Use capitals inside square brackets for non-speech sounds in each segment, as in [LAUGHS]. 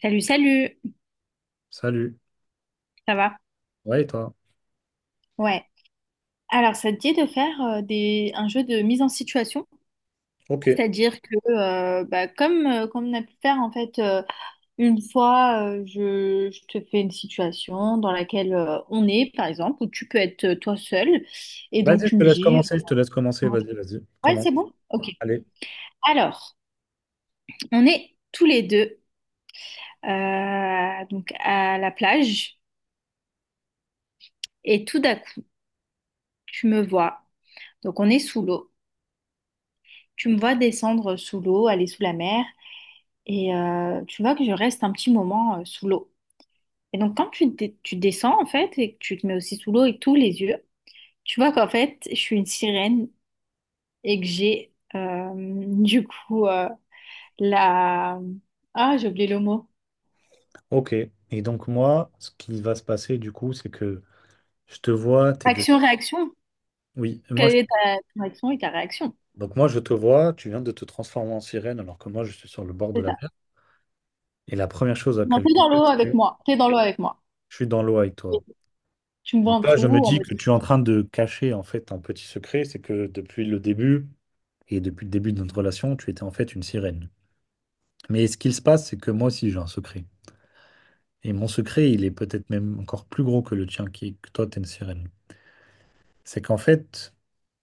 Salut, salut, Salut. ça va? Ouais, et toi? Ouais. Alors, ça te dit de faire un jeu de mise en situation? Ok. C'est-à-dire que, comme, comme on a pu faire, en fait, une fois, je te fais une situation dans laquelle on est, par exemple, où tu peux être toi seul, et donc Vas-y, je tu te me laisse dis, commencer, je te laisse commencer, vas-y, vas-y, ouais, comment c'est bon? Ok. allez. Alors, on est tous les deux, donc à la plage, et tout d'un coup, tu me vois, donc on est sous l'eau. Tu me vois descendre sous l'eau, aller sous la mer. Et tu vois que je reste un petit moment sous l'eau. Et donc, quand tu, tu descends, en fait, et que tu te mets aussi sous l'eau et tous les yeux, tu vois qu'en fait, je suis une sirène et que j'ai, du coup, la... Ah, j'ai oublié le mot. Ok. Et donc moi, ce qui va se passer du coup, c'est que je te vois, t'es de... Action-réaction. Oui, moi je... Quelle est ta ton action et ta réaction? Donc moi je te vois, tu viens de te transformer en sirène alors que moi je suis sur le bord de C'est la ça. mer. Et la première chose à Non, laquelle t'es je dans l'eau pense, avec c'est moi. T'es dans l'eau avec moi. je suis dans l'eau avec toi. Tu me vois en Donc là, dessous, je me on dis me... que tu es en train de cacher en fait un petit secret, c'est que depuis le début, et depuis le début de notre relation, tu étais en fait une sirène. Mais ce qu'il se passe, c'est que moi aussi j'ai un secret. Et mon secret, il est peut-être même encore plus gros que le tien, qui est que toi, t'es une sirène. C'est qu'en fait,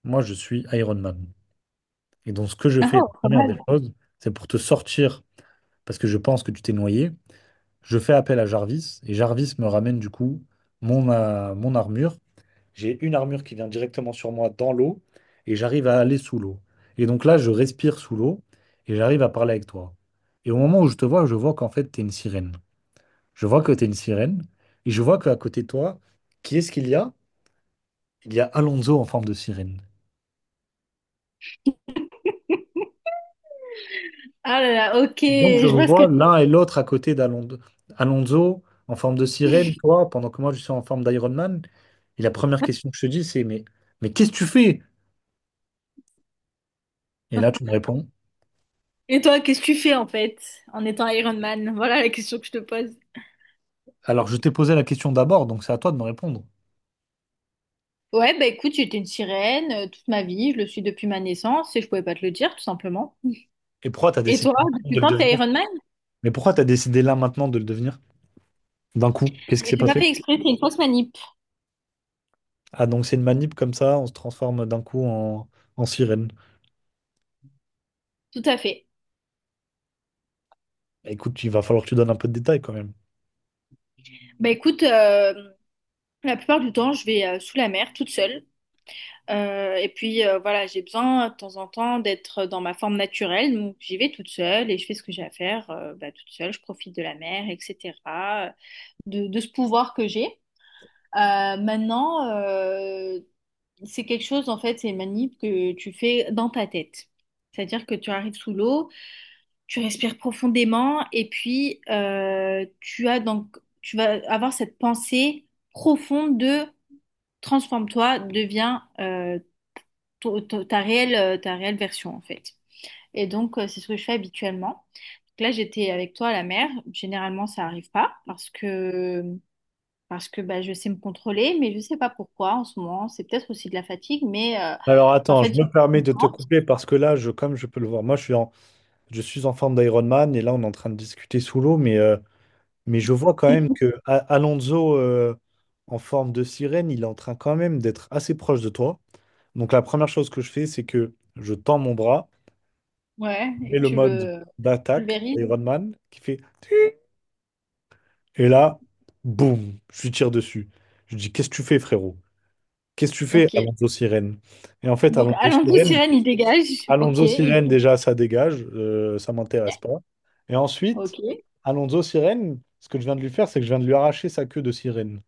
moi, je suis Iron Man. Et donc, ce que je [LAUGHS] Ah, fais, la pas première des mal. choses, c'est pour te sortir, parce que je pense que tu t'es noyé, je fais appel à Jarvis, et Jarvis me ramène du coup mon, mon armure. J'ai une armure qui vient directement sur moi dans l'eau, et j'arrive à aller sous l'eau. Et donc là, je respire sous l'eau, et j'arrive à parler avec toi. Et au moment où je te vois, je vois qu'en fait, t'es une sirène. Je vois que tu es une sirène. Et je vois qu'à côté de toi, qui est-ce qu'il y a? Il y a Alonso en forme de sirène. Ah là là, ok, Et donc, je je vous oh vois ce que... vois tu... l'un et l'autre à côté d'Alonso. Alonso en forme de sirène, toi, pendant que moi, je suis en forme d'Iron Man. Et la première question que je te dis, c'est, mais qu'est-ce que tu fais? Et là, tu me réponds. Et toi, qu'est-ce que tu fais, en fait, en étant Iron Man? Voilà la question que je te pose. Alors, je t'ai posé la question d'abord, donc c'est à toi de me répondre. Ouais, bah écoute, j'étais une sirène toute ma vie, je le suis depuis ma naissance et je pouvais pas te le dire, tout simplement. Et pourquoi tu as Et décidé toi, maintenant de depuis le quand t'es devenir? Iron Man? Mais pourquoi tu as décidé là maintenant de le devenir? D'un coup, qu'est-ce qui Mais s'est j'ai pas passé? fait exprès, c'est une fausse manip. Ah, donc c'est une manip comme ça, on se transforme d'un coup en, en sirène. Tout à fait. Écoute, il va falloir que tu donnes un peu de détails quand même. Bah écoute, la plupart du temps, je vais sous la mer toute seule. Et puis voilà, j'ai besoin de temps en temps d'être dans ma forme naturelle, donc j'y vais toute seule et je fais ce que j'ai à faire toute seule, je profite de la mer, etc., de ce pouvoir que j'ai. Euh, maintenant, euh, C'est quelque chose, en fait, c'est une manip que tu fais dans ta tête. C'est-à-dire que tu arrives sous l'eau, tu respires profondément et puis tu as donc, tu vas avoir cette pensée profonde de transforme-toi, deviens ta réelle version, en fait. Et donc, c'est ce que je fais habituellement. Donc là, j'étais avec toi à la mer. Généralement, ça n'arrive pas parce que bah, je sais me contrôler, mais je sais pas pourquoi en ce moment. C'est peut-être aussi de la fatigue, mais Alors en attends, fait, je j'ai me permets de te couper parce que là, je, comme je peux le voir, moi je suis en forme d'Iron Man et là on est en train de discuter sous l'eau, mais je vois quand même [LAUGHS] que Alonso en forme de sirène, il est en train quand même d'être assez proche de toi. Donc la première chose que je fais, c'est que je tends mon bras Ouais, et et que le tu mode le d'attaque pulvérises. Iron Man qui fait et là, boum, je lui tire dessus. Je lui dis, qu'est-ce que tu fais, frérot? Qu'est-ce que tu fais, Ok. Alonso Sirène? Et en fait, Donc, Alonso allons-vous, Sirène, sirène, il dégage. Ok, Alonso il Sirène, déjà, ça dégage, ça m'intéresse pas. Et ensuite, ok, Alonso Sirène, ce que je viens de lui faire, c'est que je viens de lui arracher sa queue de sirène.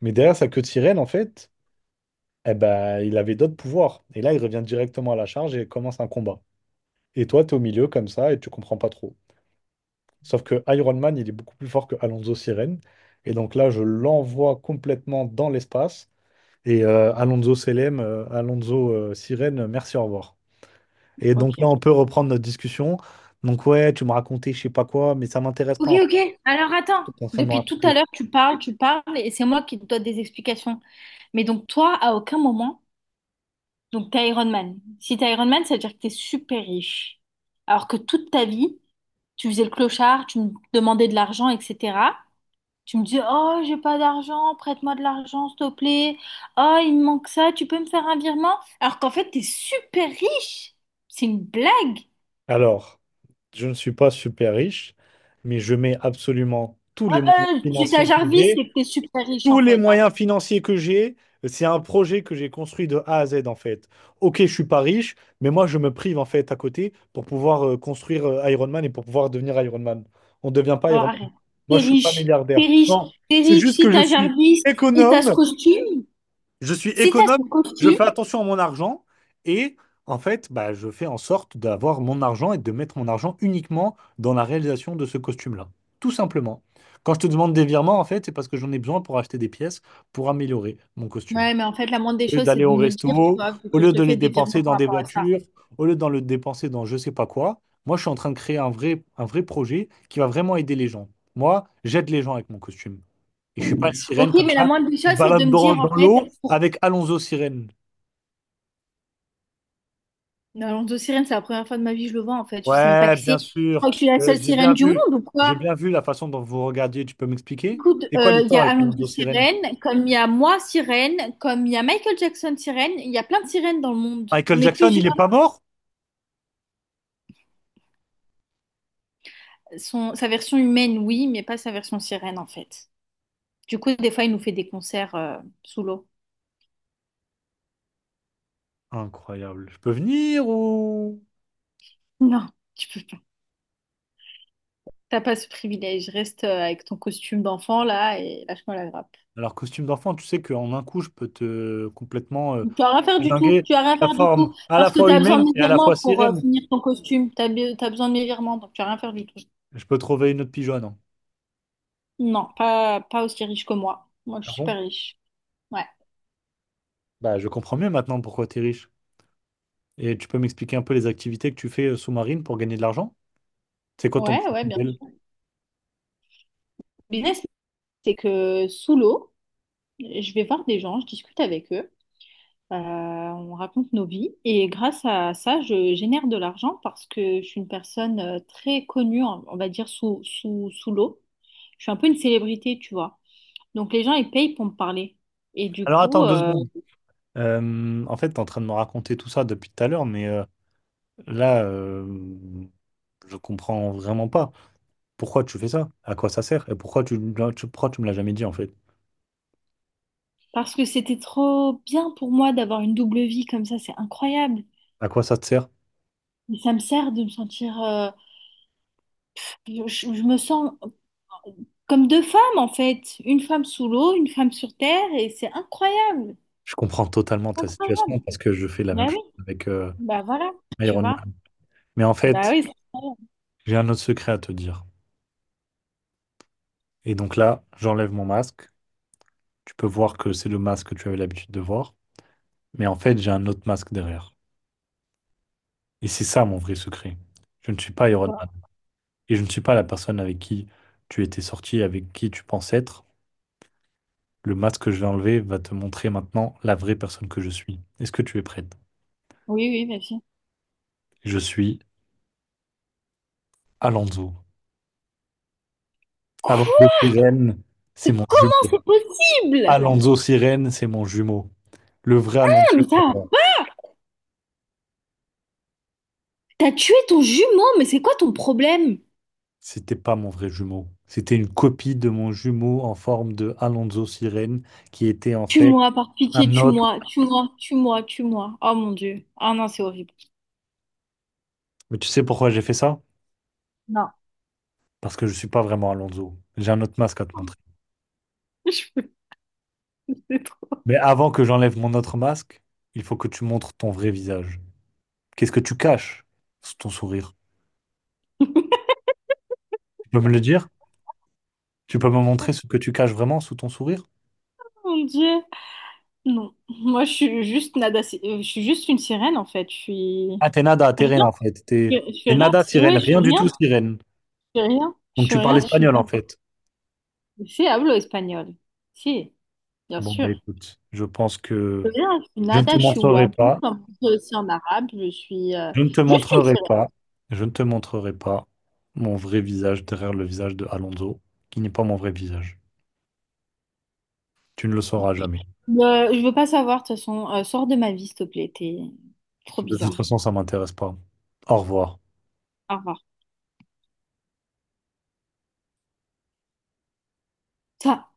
Mais derrière sa queue de sirène, en fait, eh ben, il avait d'autres pouvoirs. Et là, il revient directement à la charge et commence un combat. Et toi, tu es au milieu comme ça et tu comprends pas trop. Sauf que Iron Man, il est beaucoup plus fort que Alonso Sirène. Et donc là, je l'envoie complètement dans l'espace. Et Alonso Selem, Alonso Sirène, merci, au revoir. Et donc là, ok. on peut reprendre notre discussion. Donc ouais, tu me racontais je sais pas quoi, mais ça m'intéresse Ok, pas en fait, ok. Alors, attends. ce que t'es en train de me Depuis tout à raconter. l'heure, tu parles, et c'est moi qui te donne des explications. Mais donc, toi, à aucun moment, donc, t'es Iron Man. Si t'es Iron Man, ça veut dire que t'es super riche. Alors que toute ta vie, tu faisais le clochard, tu me demandais de l'argent, etc. Tu me dis, oh, j'ai pas d'argent, prête-moi de l'argent, s'il te plaît. Oh, il me manque ça, tu peux me faire un virement? Alors qu'en fait, t'es super riche. C'est une blague. Alors, je ne suis pas super riche, mais je mets absolument tous Ouais, les moyens tu t'as financiers que Jarvis, j'ai. c'est que t'es super riche, Tous en les fait, hein. moyens financiers que j'ai, c'est un projet que j'ai construit de A à Z en fait. Ok, je suis pas riche, mais moi je me prive en fait à côté pour pouvoir construire Iron Man et pour pouvoir devenir Iron Man. On ne devient Oh, pas Iron Man. arrête. Moi, T'es je suis pas riche, milliardaire. t'es riche, Non, T'es c'est riche juste si que je t'as suis Jarvis et t'as ce économe. costume. Je suis Si t'as ce économe, je fais costume. attention à mon argent et en fait, bah, je fais en sorte d'avoir mon argent et de mettre mon argent uniquement dans la réalisation de ce costume-là. Tout simplement. Quand je te demande des virements, en fait, c'est parce que j'en ai besoin pour acheter des pièces pour améliorer mon costume. Ouais, mais en fait, la moindre des Au lieu choses, c'est d'aller de au me le dire, tu resto, vois, vu au que je lieu te de les fais des dépenser virements par dans des rapport à ça. voitures, au lieu de le dépenser dans je sais pas quoi, moi, je suis en train de créer un vrai projet qui va vraiment aider les gens. Moi, j'aide les gens avec mon costume. Et je suis pas une Ok, sirène comme mais la ça moindre des qui se choses, c'est de balade me dans, dire, en dans fait, l'eau pour avec Alonso Sirène. dans de sirène, c'est la première fois de ma vie que je le vois en fait. Je sais même pas Ouais, qui bien c'est. Je sûr. crois que je suis la seule J'ai sirène bien du monde vu. ou J'ai quoi? bien vu la façon dont vous regardiez. Tu peux m'expliquer? Écoute, C'est quoi il y l'histoire a avec Alonso Alonso Sirène? Sirène, comme il y a moi Sirène, comme il y a Michael Jackson Sirène, il y a plein de sirènes dans le monde. Michael On est Jackson, plusieurs. il est pas mort? Son, sa version humaine, oui, mais pas sa version sirène en fait. Du coup, des fois, il nous fait des concerts sous l'eau. Incroyable. Je peux venir ou... Non, tu peux pas. T'as pas ce privilège. Reste avec ton costume d'enfant là et lâche-moi la grappe. Alors, costume d'enfant, tu sais qu'en un coup, je peux te complètement Tu as rien à faire du tout, désinguer tu as rien à la faire du forme tout, à la parce que tu fois as besoin de humaine mes et à la fois virements pour sirène. finir ton costume, tu as, besoin de mes virements, donc tu as rien à faire du tout. Je peux trouver une autre pigeonne, hein. Non, pas aussi riche que moi. Moi, je Ah suis bon? super riche. Ouais, Bah, je comprends mieux maintenant pourquoi t'es riche. Et tu peux m'expliquer un peu les activités que tu fais sous-marine pour gagner de l'argent? C'est quoi ton ouais, business ouais, bien model? sûr. Business, c'est que sous l'eau, je vais voir des gens, je discute avec eux, on raconte nos vies, et grâce à ça, je génère de l'argent parce que je suis une personne très connue, on va dire, sous l'eau. Je suis un peu une célébrité, tu vois. Donc les gens, ils payent pour me parler. Et du Alors coup, attends deux secondes. En fait, tu es en train de me raconter tout ça depuis tout à l'heure, mais là, je comprends vraiment pas. Pourquoi tu fais ça? À quoi ça sert? Et pourquoi tu pourquoi tu me l'as jamais dit en fait? parce que c'était trop bien pour moi d'avoir une double vie comme ça, c'est incroyable. À quoi ça te sert? Et ça me sert de me sentir... je me sens comme deux femmes en fait. Une femme sous l'eau, une femme sur terre, et c'est incroyable. Je comprends totalement ta situation Incroyable. parce que je fais la même Bah chose oui, avec bah voilà, tu Iron vois. Man. Mais en Bah fait, oui, c'est incroyable. j'ai un autre secret à te dire. Et donc là, j'enlève mon masque, tu peux voir que c'est le masque que tu avais l'habitude de voir, mais en fait, j'ai un autre masque derrière. Et c'est ça mon vrai secret. Je ne suis pas C'est Iron Man. quoi? Et je ne suis pas la personne avec qui tu étais sorti, avec qui tu penses être. Le masque que je vais enlever va te montrer maintenant la vraie personne que je suis. Est-ce que tu es prête? Oui, oui, bien sûr. Je suis Alonso. Quoi? Alonso Sirène, c'est mon Comment jumeau. c'est possible? Alonso Sirène, c'est mon jumeau. Le vrai Alonso Ah, mais ça, Sirène, t'as tué ton jumeau, mais c'est quoi ton problème? c'était pas mon vrai jumeau. C'était une copie de mon jumeau en forme de Alonso Sirène qui était en fait Tue-moi, par pitié, un autre. tue-moi, tue-moi, tue-moi, tue-moi. Oh mon Dieu. Ah non, c'est horrible. Mais tu sais pourquoi j'ai fait ça? Non. Parce que je suis pas vraiment Alonso. J'ai un autre masque à te montrer. [LAUGHS] [LAUGHS] C'est trop. Mais avant que j'enlève mon autre masque, il faut que tu montres ton vrai visage. Qu'est-ce que tu caches sous ton sourire? Tu peux me le dire? Tu peux me montrer ce que tu caches vraiment sous ton sourire? Mon Dieu. Non. Moi, je suis juste nada. Je suis juste une sirène, en fait. Je suis Ah, t'es nada, t'es rien. rien en fait. T'es Je suis t'es rien. nada sirène, Ouais, je suis rien du rien. tout sirène. Je suis rien. Je Donc suis tu parles rien. Je suis espagnol en nada. fait. C'est hablo espagnol. Si, bien Bon bah sûr. écoute, je pense Je que suis rien. Je suis je ne te nada. Je suis montrerai wadou, pas. comme on dit aussi en arabe. Je suis Je ne te juste une montrerai sirène. pas, je ne te montrerai pas mon vrai visage derrière le visage de Alonso, qui n'est pas mon vrai visage. Tu ne le sauras jamais. Je veux pas savoir, de toute façon. Sors de ma vie, s'il te plaît. T'es trop De toute bizarre. façon, ça m'intéresse pas. Au revoir. Au revoir. Ça.